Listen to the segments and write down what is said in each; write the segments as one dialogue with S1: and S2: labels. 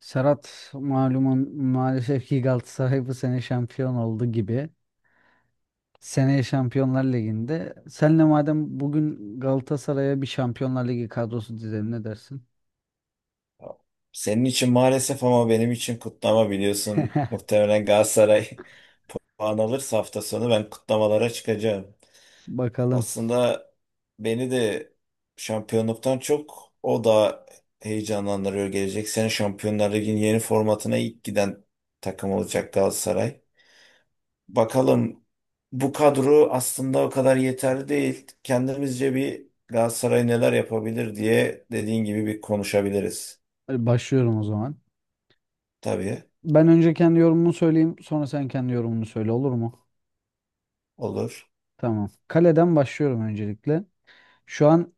S1: Serhat malumun maalesef ki Galatasaray bu sene şampiyon oldu gibi. Seneye Şampiyonlar Ligi'nde. Senle madem bugün Galatasaray'a bir Şampiyonlar Ligi kadrosu dizelim ne dersin?
S2: Senin için maalesef ama benim için kutlama biliyorsun. Muhtemelen Galatasaray puan alırsa hafta sonu ben kutlamalara çıkacağım.
S1: Bakalım.
S2: Aslında beni de şampiyonluktan çok o da heyecanlandırıyor. Gelecek sene Şampiyonlar Ligi'nin yeni formatına ilk giden takım olacak Galatasaray. Bakalım bu kadro aslında o kadar yeterli değil. Kendimizce bir Galatasaray neler yapabilir diye dediğin gibi bir konuşabiliriz.
S1: Hadi başlıyorum o zaman.
S2: Tabii
S1: Ben önce kendi yorumumu söyleyeyim, sonra sen kendi yorumunu söyle olur mu?
S2: olur.
S1: Tamam. Kaleden başlıyorum öncelikle. Şu an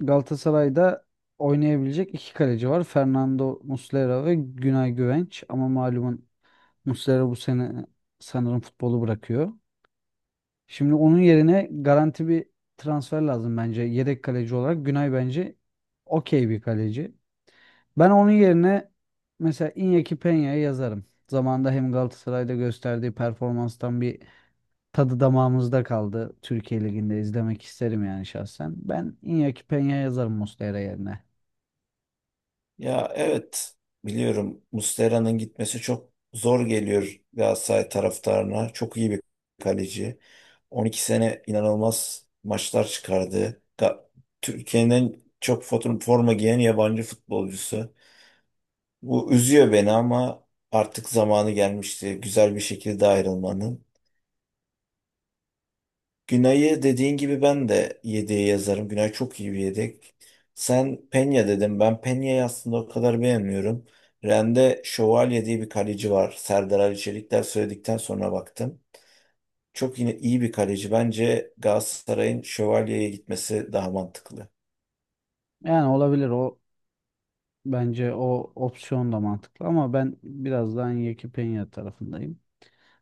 S1: Galatasaray'da oynayabilecek iki kaleci var. Fernando Muslera ve Günay Güvenç. Ama malumun Muslera bu sene sanırım futbolu bırakıyor. Şimdi onun yerine garanti bir transfer lazım bence. Yedek kaleci olarak Günay bence okey bir kaleci. Ben onun yerine mesela Iñaki Peña'yı yazarım. Zamanında hem Galatasaray'da gösterdiği performanstan bir tadı damağımızda kaldı. Türkiye Ligi'nde izlemek isterim yani şahsen. Ben Iñaki Peña yazarım Muslera yerine.
S2: Ya evet biliyorum Muslera'nın gitmesi çok zor geliyor Galatasaray taraftarına. Çok iyi bir kaleci. 12 sene inanılmaz maçlar çıkardı. Türkiye'nin çok forma giyen yabancı futbolcusu. Bu üzüyor beni ama artık zamanı gelmişti güzel bir şekilde ayrılmanın. Günay'ı dediğin gibi ben de yedeğe yazarım. Günay çok iyi bir yedek. Sen Penya dedim. Ben Penya'yı aslında o kadar beğenmiyorum. Ren'de Şövalye diye bir kaleci var. Serdar Ali Çelikler söyledikten sonra baktım. Çok yine iyi bir kaleci. Bence Galatasaray'ın Şövalye'ye gitmesi daha mantıklı.
S1: Yani olabilir o, bence o opsiyon da mantıklı ama ben biraz daha Iñaki Peña tarafındayım.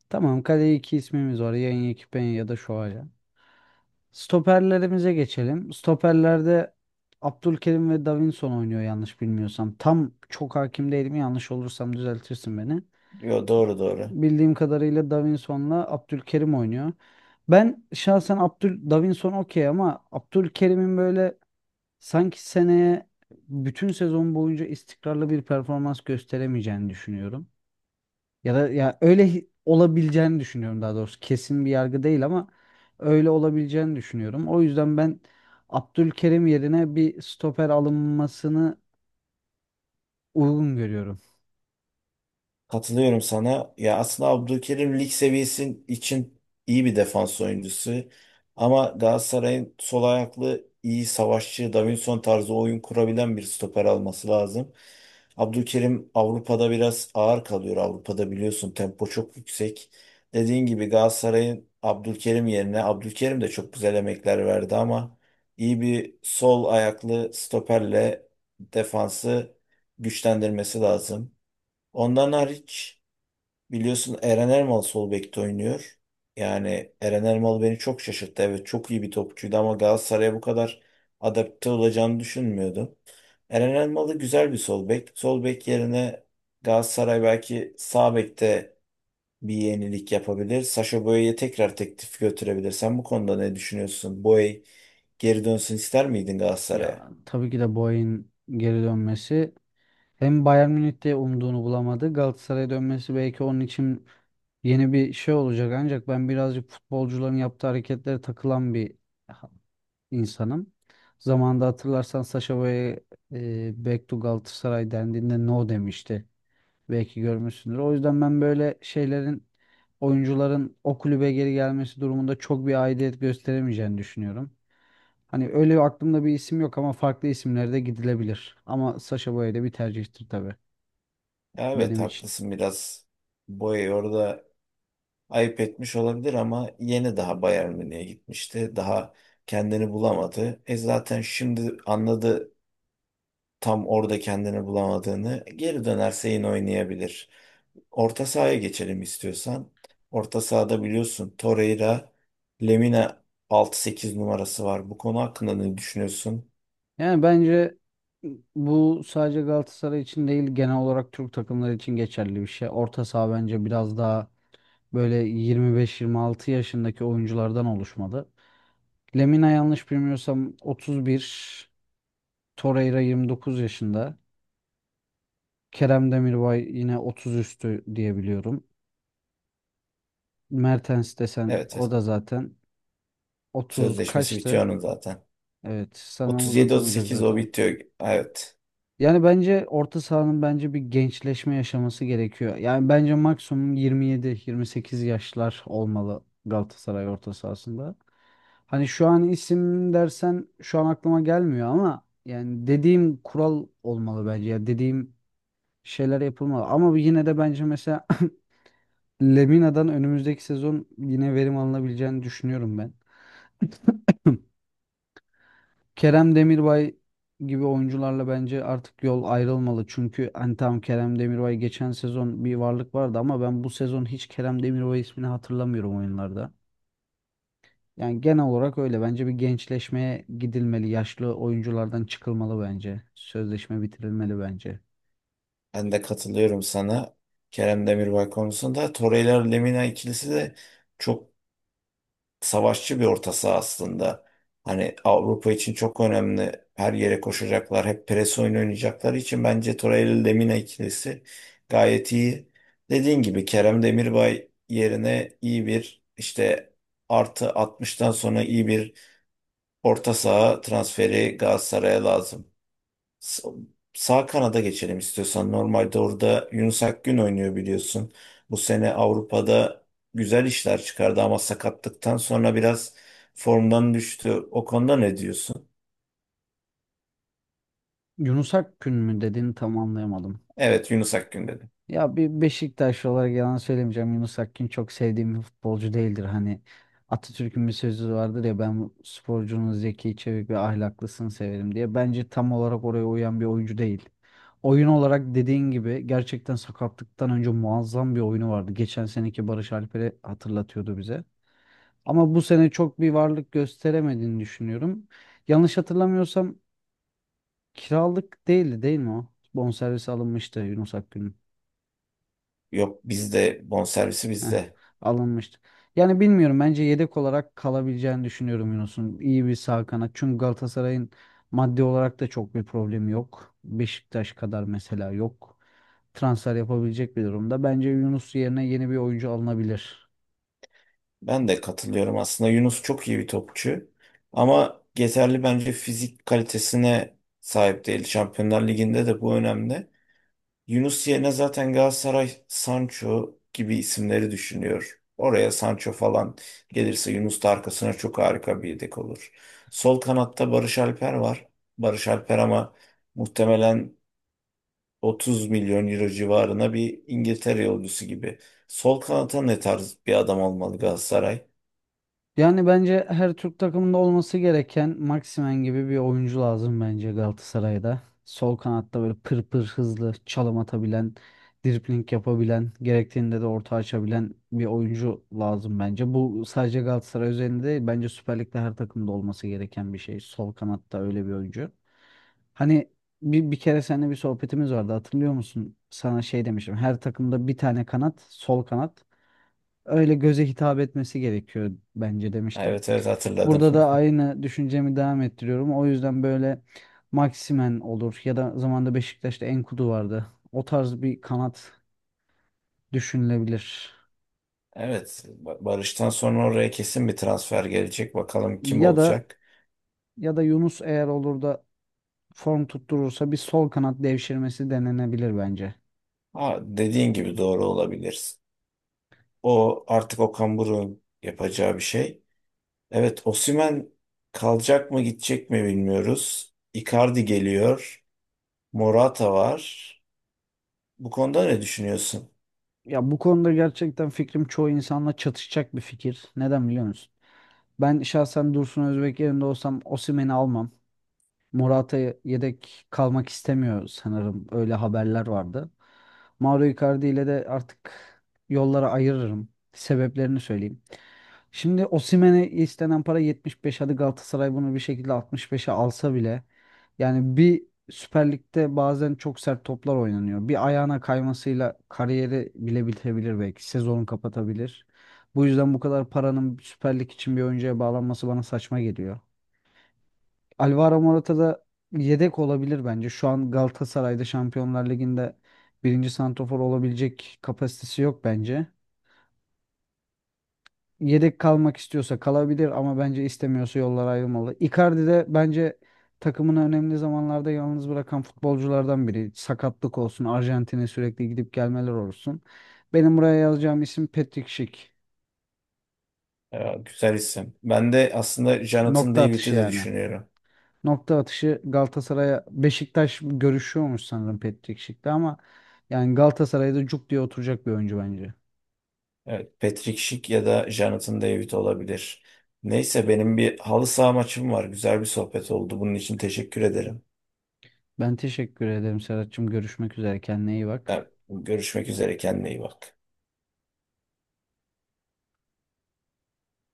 S1: Tamam, kaleye iki ismimiz var. Yanyekipenya ya da Şoaya. Stoperlerimize geçelim. Stoperlerde Abdülkerim ve Davinson oynuyor yanlış bilmiyorsam. Tam çok hakim değilim. Yanlış olursam düzeltirsin beni.
S2: Yo, doğru doğru.
S1: Bildiğim kadarıyla Davinson'la Abdülkerim oynuyor. Ben şahsen Abdül Davinson okey ama Abdülkerim'in böyle sanki seneye bütün sezon boyunca istikrarlı bir performans gösteremeyeceğini düşünüyorum. Ya da ya öyle olabileceğini düşünüyorum daha doğrusu. Kesin bir yargı değil ama öyle olabileceğini düşünüyorum. O yüzden ben Abdülkerim yerine bir stoper alınmasını uygun görüyorum.
S2: Katılıyorum sana. Ya aslında Abdülkerim lig seviyesi için iyi bir defans oyuncusu. Ama Galatasaray'ın sol ayaklı iyi savaşçı, Davinson tarzı oyun kurabilen bir stoper alması lazım. Abdülkerim Avrupa'da biraz ağır kalıyor. Avrupa'da biliyorsun tempo çok yüksek. Dediğin gibi Galatasaray'ın Abdülkerim yerine Abdülkerim de çok güzel emekler verdi ama iyi bir sol ayaklı stoperle defansı güçlendirmesi lazım. Ondan hariç biliyorsun Eren Ermal sol bekte oynuyor. Yani Eren Ermal beni çok şaşırttı. Evet çok iyi bir topçuydu ama Galatasaray'a bu kadar adapte olacağını düşünmüyordum. Eren Elmalı güzel bir sol bek. Sol bek yerine Galatasaray belki sağ bekte bir yenilik yapabilir. Sacha Boey'e tekrar teklif götürebilir. Sen bu konuda ne düşünüyorsun? Boey geri dönsün ister miydin Galatasaray'a?
S1: Ya tabii ki de Boey'in geri dönmesi, hem Bayern Münih'te umduğunu bulamadı. Galatasaray'a dönmesi belki onun için yeni bir şey olacak, ancak ben birazcık futbolcuların yaptığı hareketlere takılan bir ha- insanım. Zamanında hatırlarsan Sacha Boey'e Back to Galatasaray dendiğinde no demişti. Belki görmüşsündür. O yüzden ben böyle şeylerin, oyuncuların o kulübe geri gelmesi durumunda çok bir aidiyet gösteremeyeceğini düşünüyorum. Hani öyle aklımda bir isim yok ama farklı isimlere de gidilebilir. Ama Sacha Boey de bir tercihtir tabii
S2: Ya evet,
S1: benim için.
S2: haklısın biraz. Boey orada ayıp etmiş olabilir ama yeni daha Bayern Münih'e gitmişti. Daha kendini bulamadı. E zaten şimdi anladı tam orada kendini bulamadığını. Geri dönerse yine oynayabilir. Orta sahaya geçelim istiyorsan. Orta sahada biliyorsun Torreira, Lemina 6-8 numarası var. Bu konu hakkında ne düşünüyorsun?
S1: Yani bence bu sadece Galatasaray için değil, genel olarak Türk takımları için geçerli bir şey. Orta saha bence biraz daha böyle 25-26 yaşındaki oyunculardan oluşmalı. Lemina yanlış bilmiyorsam 31, Torreira 29 yaşında. Kerem Demirbay yine 30 üstü diye biliyorum. Mertens desen
S2: Evet,
S1: o
S2: evet.
S1: da zaten 30
S2: Sözleşmesi
S1: kaçtı?
S2: bitiyor onun zaten.
S1: Evet sanırım uzatamayacak
S2: 37-38 o
S1: zaten.
S2: bitiyor. Evet.
S1: Yani bence orta sahanın bence bir gençleşme yaşaması gerekiyor. Yani bence maksimum 27-28 yaşlar olmalı Galatasaray orta sahasında. Hani şu an isim dersen şu an aklıma gelmiyor ama yani dediğim kural olmalı bence. Ya dediğim şeyler yapılmalı. Ama yine de bence mesela Lemina'dan önümüzdeki sezon yine verim alınabileceğini düşünüyorum ben. Kerem Demirbay gibi oyuncularla bence artık yol ayrılmalı. Çünkü hani tamam, Kerem Demirbay geçen sezon bir varlık vardı ama ben bu sezon hiç Kerem Demirbay ismini hatırlamıyorum oyunlarda. Yani genel olarak öyle. Bence bir gençleşmeye gidilmeli. Yaşlı oyunculardan çıkılmalı bence. Sözleşme bitirilmeli bence.
S2: Ben de katılıyorum sana. Kerem Demirbay konusunda. Torreira-Lemina ikilisi de çok savaşçı bir orta saha aslında. Hani Avrupa için çok önemli. Her yere koşacaklar. Hep pres oyunu oynayacakları için bence Torreira-Lemina ikilisi gayet iyi. Dediğin gibi Kerem Demirbay yerine iyi bir işte artı 60'tan sonra iyi bir orta saha transferi Galatasaray'a lazım. Sa- Sağ kanada geçelim istiyorsan. Normalde orada Yunus Akgün oynuyor biliyorsun. Bu sene Avrupa'da güzel işler çıkardı ama sakatlıktan sonra biraz formdan düştü. O konuda ne diyorsun?
S1: Yunus Akgün mü dediğini tam anlayamadım.
S2: Evet, Yunus Akgün dedim.
S1: Ya bir Beşiktaşlı olarak yalan söylemeyeceğim. Yunus Akgün çok sevdiğim bir futbolcu değildir. Hani Atatürk'ün bir sözü vardır ya, ben sporcunun zeki, çevik ve ahlaklısını severim diye. Bence tam olarak oraya uyan bir oyuncu değil. Oyun olarak dediğin gibi gerçekten sakatlıktan önce muazzam bir oyunu vardı. Geçen seneki Barış Alper'i hatırlatıyordu bize. Ama bu sene çok bir varlık gösteremediğini düşünüyorum. Yanlış hatırlamıyorsam kiralık değildi değil mi o? Bonservisi alınmıştı Yunus Akgün'ün.
S2: Yok, bizde bonservisi,
S1: Heh,
S2: bizde.
S1: alınmıştı. Yani bilmiyorum, bence yedek olarak kalabileceğini düşünüyorum Yunus'un. İyi bir sağ kanat. Çünkü Galatasaray'ın maddi olarak da çok bir problemi yok. Beşiktaş kadar mesela yok. Transfer yapabilecek bir durumda. Bence Yunus yerine yeni bir oyuncu alınabilir.
S2: Ben de katılıyorum aslında. Yunus çok iyi bir topçu ama yeterli bence fizik kalitesine sahip değil. Şampiyonlar Ligi'nde de bu önemli. Yunus yerine zaten Galatasaray Sancho gibi isimleri düşünüyor. Oraya Sancho falan gelirse Yunus da arkasına çok harika bir yedek olur. Sol kanatta Barış Alper var. Barış Alper ama muhtemelen 30 milyon euro civarına bir İngiltere yolcusu gibi. Sol kanata ne tarz bir adam olmalı Galatasaray?
S1: Yani bence her Türk takımında olması gereken Maximen gibi bir oyuncu lazım bence Galatasaray'da. Sol kanatta böyle pır pır hızlı çalım atabilen, dribling yapabilen, gerektiğinde de orta açabilen bir oyuncu lazım bence. Bu sadece Galatasaray üzerinde değil, bence Süper Lig'de her takımda olması gereken bir şey. Sol kanatta öyle bir oyuncu. Hani bir kere seninle bir sohbetimiz vardı, hatırlıyor musun? Sana şey demiştim. Her takımda bir tane kanat, sol kanat öyle göze hitap etmesi gerekiyor bence demiştim.
S2: Evet evet, hatırladım.
S1: Burada da aynı düşüncemi devam ettiriyorum. O yüzden böyle Maximen olur ya da zamanda Beşiktaş'ta Enkudu vardı. O tarz bir kanat düşünülebilir.
S2: Evet, Barış'tan sonra oraya kesin bir transfer gelecek. Bakalım kim
S1: Ya da
S2: olacak?
S1: ya da Yunus eğer olur da form tutturursa bir sol kanat devşirmesi denenebilir bence.
S2: Ha, dediğin gibi doğru olabilir. O artık Okan Buruk'un yapacağı bir şey. Evet, Osimhen kalacak mı gidecek mi bilmiyoruz. Icardi geliyor. Morata var. Bu konuda ne düşünüyorsun?
S1: Ya bu konuda gerçekten fikrim çoğu insanla çatışacak bir fikir. Neden biliyor musun? Ben şahsen Dursun Özbek yerinde olsam Osimhen'i almam. Morata yedek kalmak istemiyor sanırım. Öyle haberler vardı. Mauro Icardi ile de artık yollara ayırırım. Sebeplerini söyleyeyim. Şimdi Osimhen'e istenen para 75. Hadi Galatasaray bunu bir şekilde 65'e alsa bile, yani bir, Süper Lig'de bazen çok sert toplar oynanıyor. Bir ayağına kaymasıyla kariyeri bile bitebilir belki. Sezonu kapatabilir. Bu yüzden bu kadar paranın Süper Lig için bir oyuncuya bağlanması bana saçma geliyor. Alvaro Morata da yedek olabilir bence. Şu an Galatasaray'da Şampiyonlar Ligi'nde birinci santrafor olabilecek kapasitesi yok bence. Yedek kalmak istiyorsa kalabilir ama bence istemiyorsa yollar ayrılmalı. Icardi de bence takımını önemli zamanlarda yalnız bırakan futbolculardan biri. Sakatlık olsun, Arjantin'e sürekli gidip gelmeler olsun. Benim buraya yazacağım isim Patrick Schick.
S2: Ya, güzel isim. Ben de aslında Jonathan
S1: Nokta atışı
S2: David'i de
S1: yani.
S2: düşünüyorum.
S1: Nokta atışı Galatasaray'a. Beşiktaş görüşüyormuş sanırım Patrick Schick'le ama yani Galatasaray'da cuk diye oturacak bir oyuncu bence.
S2: Evet, Patrick Schick ya da Jonathan David olabilir. Neyse benim bir halı saha maçım var. Güzel bir sohbet oldu. Bunun için teşekkür ederim.
S1: Ben teşekkür ederim Serhat'cığım. Görüşmek üzere. Kendine iyi bak.
S2: Görüşmek üzere. Kendine iyi bak.